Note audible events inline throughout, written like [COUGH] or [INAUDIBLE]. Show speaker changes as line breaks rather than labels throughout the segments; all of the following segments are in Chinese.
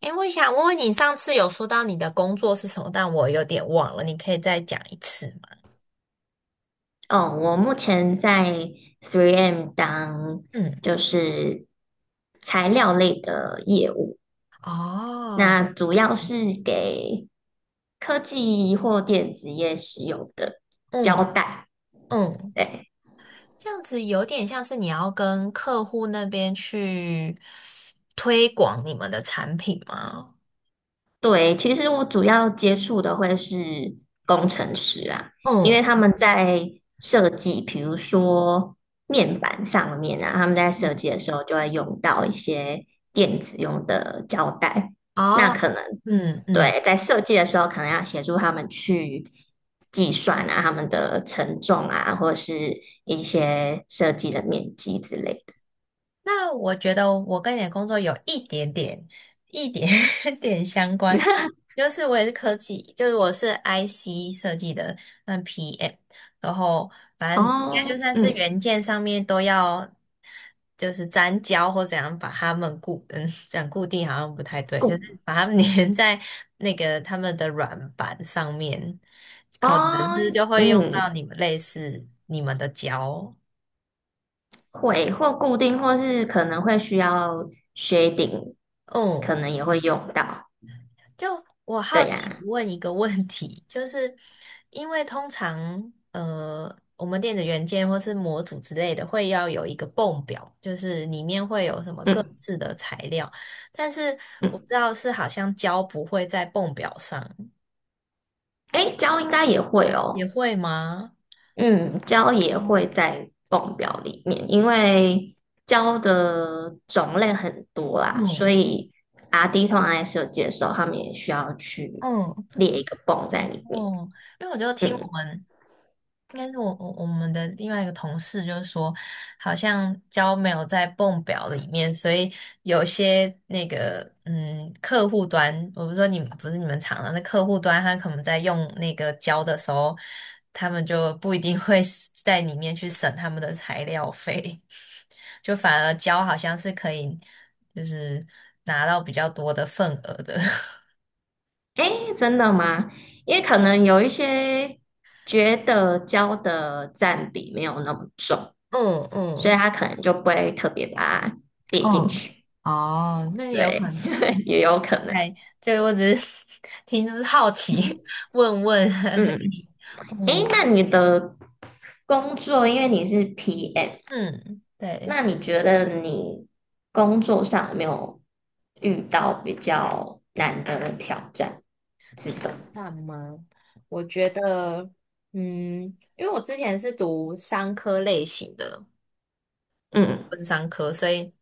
哎，我想问问你，上次有说到你的工作是什么，但我有点忘了，你可以再讲一次吗？
哦，我目前在 3M 当
嗯，
就是材料类的业务，
哦，
那主要是给科技或电子业使用的
嗯
胶带。
嗯，
对
这样子有点像是你要跟客户那边去推广你们的产品吗？
对，其实我主要接触的会是工程师啊，因为
嗯，
他们在设计，比如说面板上面啊，他们在设
嗯
计的时候就会用到一些电子用的胶带。那
哦，
可能
嗯嗯。
对，在设计的时候，可能要协助他们去计算啊，他们的承重啊，或者是一些设计的面积之类的。
那我觉得我跟你的工作有一点点、一点 [LAUGHS] 点相关，就是我也是科技，就是我是 IC 设计的，嗯，PM，然后反正应该就
哦，
算是
嗯，
元件上面都要，就是粘胶或怎样把它们固，嗯，讲固定好像不太对，就
固
是把它们 [LAUGHS] 粘在那个他们的软板上面，可能
哦，
是就会用到
嗯，
你们类似你们的胶，
会或固定，或是可能会需要 shading，
嗯。
可能也会用到。
就我好
对
奇
呀、
问一个问题，就是因为通常我们电子元件或是模组之类的会要有一个泵表，就是里面会有什么各
嗯
式的材料，但是
嗯，
我知道是好像胶不会在泵表上，
诶，胶应该也会
也
哦。
会吗？
嗯，胶也会
嗯
在泵表里面，因为胶的种类很多啦，所
嗯
以 RD 通常在设计的时候他们也需要去列一个泵
嗯，
在里面。
因为我就听我
嗯，
们应该是我们的另外一个同事就是说，好像胶没有在泵表里面，所以有些那个客户端，我不是说你们不是你们厂的，那客户端他可能在用那个胶的时候，他们就不一定会是在里面去省他们的材料费，[LAUGHS] 就反而胶好像是可以就是拿到比较多的份额的，
诶，真的吗？因为可能有一些觉得胶的占比没有那么重，
[LAUGHS] 嗯
所以
嗯。
他可能就不会特别把它列进
嗯，
去。
[LAUGHS] 哦，那也有
对，
可能，
[LAUGHS] 也有可能。
哎，这个我只是 [LAUGHS] 听就是好奇，问问而
嗯，
已。
诶，那
嗯
你的工作，因为你是 PM。
嗯，对，
那你觉得你工作上有没有遇到比较难的挑战是什么？
挑战吗？我觉得，嗯，因为我之前是读商科类型的，
嗯，
不是商科，所以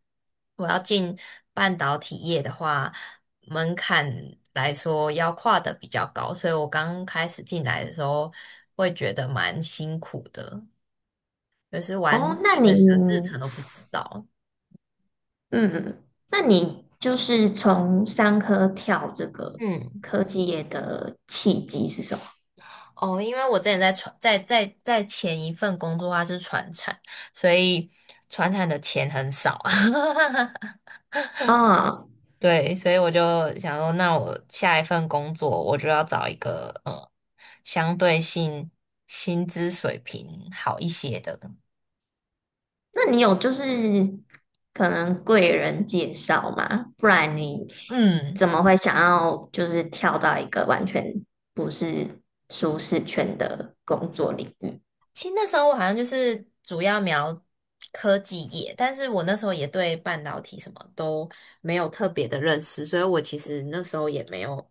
我要进半导体业的话，门槛来说要跨的比较高，所以我刚开始进来的时候会觉得蛮辛苦的，就是
哦，
完
那你，
全的制成都不知道。
嗯，那你就是从商科跳这个
嗯。
科技业的契机是什么？
哦，因为我之前在传在在在前一份工作它是船产，所以船产的钱很少，[LAUGHS]
啊，
对，所以我就想说，那我下一份工作我就要找一个相对性薪资水平好一些的。
那你有就是可能贵人介绍吗？不然你
嗯，
怎么会想要就是跳到一个完全不是舒适圈的工作领域？
其实那时候我好像就是主要瞄科技业，但是我那时候也对半导体什么都没有特别的认识，所以我其实那时候也没有。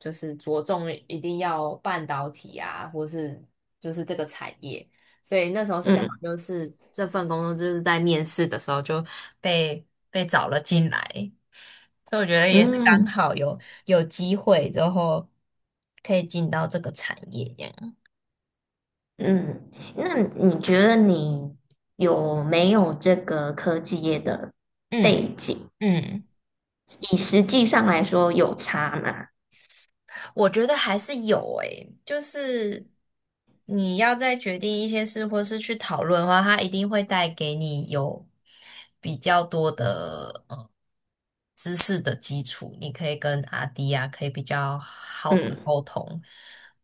就是着重一定要半导体啊，或是就是这个产业。所以那时候是刚好
嗯
就是这份工作就是在面试的时候就被被找了进来，所以我觉得也是刚
嗯
好有机会之后可以进到这个产业这样。
嗯，那你觉得你有没有这个科技业的
嗯
背景？
嗯。
以实际上来说有差吗？
我觉得还是有诶，就是你要再决定一些事，或是去讨论的话，它一定会带给你有比较多的知识的基础，你可以跟阿迪啊，可以比较好的
嗯
沟通。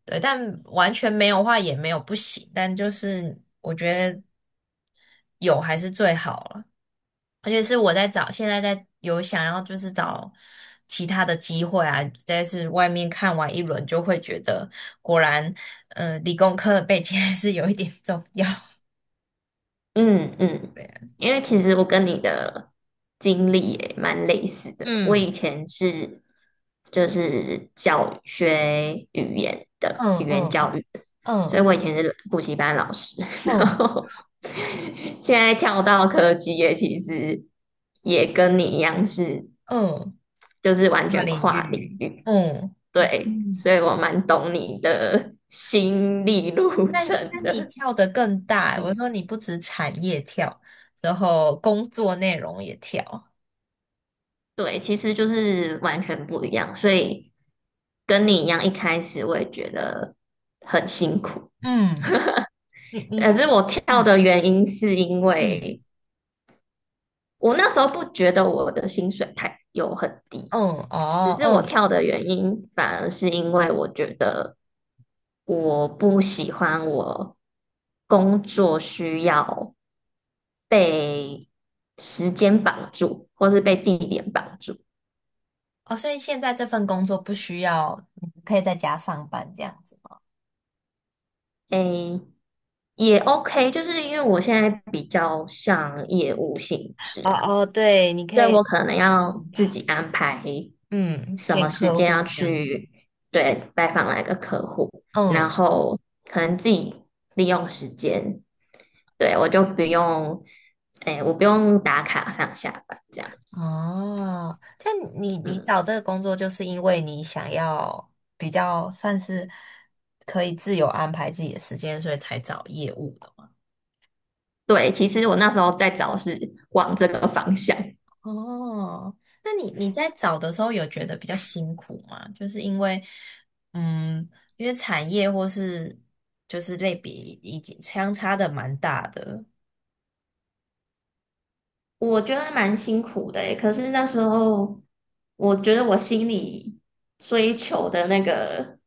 对，但完全没有的话也没有不行，但就是我觉得有还是最好了。而且是我在找，现在在有想要就是找其他的机会啊，再是外面看完一轮就会觉得，果然，理工科的背景还是有一点重要。
嗯嗯，
对啊，
因为其实我跟你的经历也蛮类似的。我
嗯
以前是就是教育学语言的
嗯
语言
嗯
教育的，所以
嗯
我以前是补习班老师，[LAUGHS] 然
嗯
后现在跳到科技业，其实也跟你一样是，
嗯，
就是完
跨
全
领
跨领
域，
域。
嗯。
对，
嗯。
所以我蛮懂你的心理路
但
程
你
的。
跳得更大欸，我
嗯，
说你不止产业跳，然后工作内容也跳。
对，其实就是完全不一样，所以跟你一样，一开始我也觉得很辛苦。
嗯，你
可
现在
是我跳
嗯
的原因是因
嗯
为我那时候不觉得我的薪水很低，
嗯
只
哦
是我
嗯。
跳的原因反而是因为我觉得。我不喜欢我工作需要被时间绑住，或是被地点绑住。
哦，所以现在这份工作不需要，你可以在家上班这样子。
诶，也 OK，就是因为我现在比较像业务性质
哦
啊，
哦，对，你可
所以我
以
可能要自己安排
嗯
什么
见
时
客
间
户
要
这样。
去对拜访哪个客户，然
嗯。
后可能自己利用时间，对，我就不用，诶，我不用打卡上下班这样子。
哦，但你
嗯。
找这个工作就是因为你想要比较算是可以自由安排自己的时间，所以才找业务。
对，其实我那时候在找是往这个方向，
哦，那你在找的时候有觉得比较辛苦吗？就是因为，嗯，因为产业或是就是类比已经相差的蛮大的，
我觉得蛮辛苦的诶，可是那时候我觉得我心里追求的那个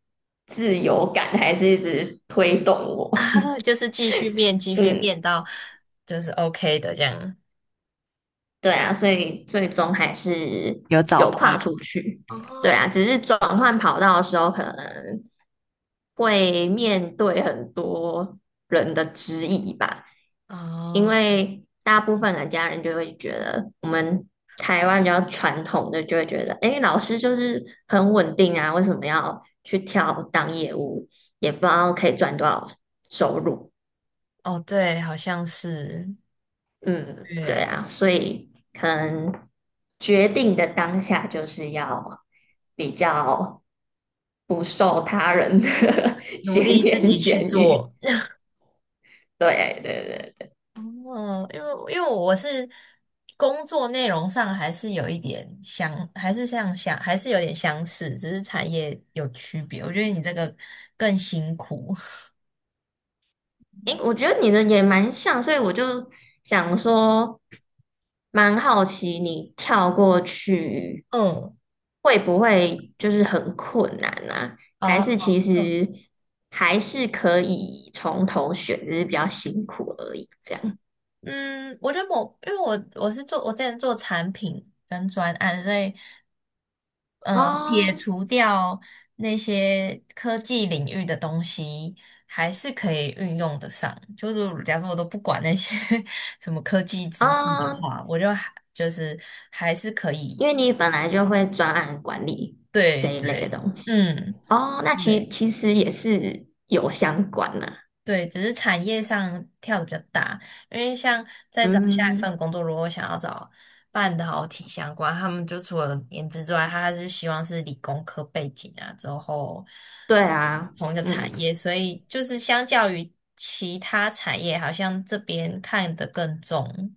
自由感还是一直推动我，
[LAUGHS] 就是继续变，继
[LAUGHS]
续
嗯，
变到就是 OK 的这样。
对啊，所以最终还是
有找
有
到，
跨出去，对
哦
啊，只是转换跑道的时候可能会面对很多人的质疑吧，因
哦
为大部分的家人就会觉得我们台湾比较传统的就会觉得，诶，老师就是很稳定啊，为什么要去跳当业务？也不知道可以赚多少收入。
哦，对，好像是，
嗯，对
对，
啊，所以可能决定的当下就是要比较不受他人的 [LAUGHS]
努
闲
力自
言
己去
闲语。
做。
对对对。
哦，因为我是工作内容上还是有一点相，还是像相，还是有点相似，只是产业有区别。我觉得你这个更辛苦。[LAUGHS]
诶，我觉得你的也蛮像，所以我就想说，蛮好奇你跳过去
嗯，
会不会就是很困难啊？还
啊，
是其
嗯
实还是可以从头选，只是比较辛苦而已，这样。
嗯，我觉得我因为我是做我之前做产品跟专案，所以。嗯，撇
哦，
除掉那些科技领域的东西，还是可以运用得上。就是假如说我都不管那些 [LAUGHS] 什么科技知识的
哦，
话，我就还就是还是可以。
因为你本来就会专案管理
对
这一类的
对，
东西。
嗯，
哦，那其
对。
其实也是有相关的。
对，只是产业上跳的比较大，因为像在找下一
嗯，
份工作，如果想要找半导体相关，他们就除了颜值之外，他还是希望是理工科背景啊，之后
对啊，
同一个产业，
嗯。
所以就是相较于其他产业，好像这边看得更重。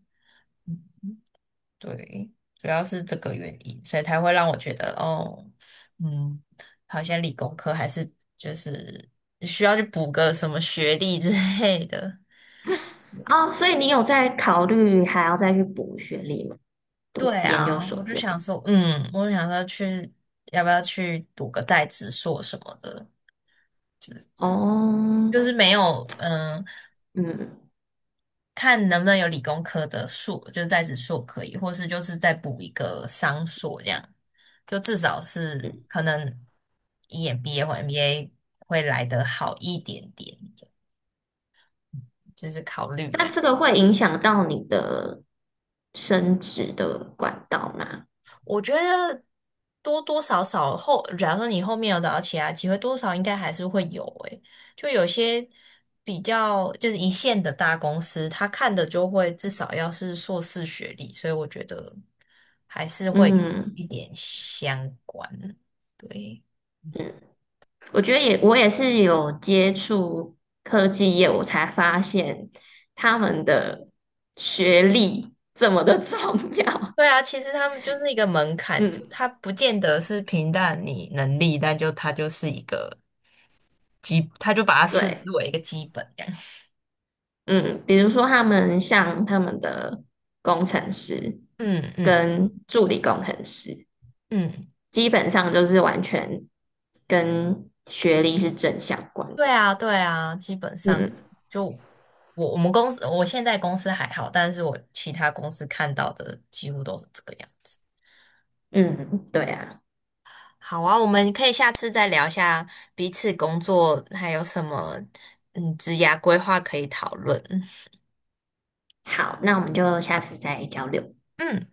对，主要是这个原因，所以才会让我觉得，哦，嗯，好像理工科还是就是需要去补个什么学历之类的。
哦，所以你有在考虑还要再去补学历吗？读
对
研究
啊，
所
我就
之
想
类。
说，嗯，我就想说去，要不要去读个在职硕什么的，
哦，
就是没有，嗯、
嗯，
看能不能有理工科的硕，就是在职硕可以，或是就是再补一个商硕这样，就至少是可能 EMBA 或 MBA 会来得好一点点。
那这个会影响到你的升职的管道吗？
我觉得多多少少后，假如说你后面有找到其他机会，多少应该还是会有诶、就有些比较就是一线的大公司，他看的就会至少要是硕士学历，所以我觉得还是会有
嗯
一点相关。对，
嗯，我觉得也，我也是有接触科技业，我才发现他们的学历这么的 [LAUGHS] 重要。
对啊，其实他们就是一个门
[LAUGHS]
槛，就
嗯，
他不见得是平淡你能力，但就他就是一个基，他就把它视
对。
为一个基本这样。
嗯，比如说他们像他们的工程师
嗯嗯
跟助理工程师，
嗯。
基本上就是完全跟学历是正相关
对
的。
啊，对啊，基本上
嗯
是就我们公司，我现在公司还好，但是我其他公司看到的几乎都是这个样子。
嗯，对啊。
好啊，我们可以下次再聊一下彼此工作还有什么嗯职涯规划可以讨论。
好，那我们就下次再交流。
嗯。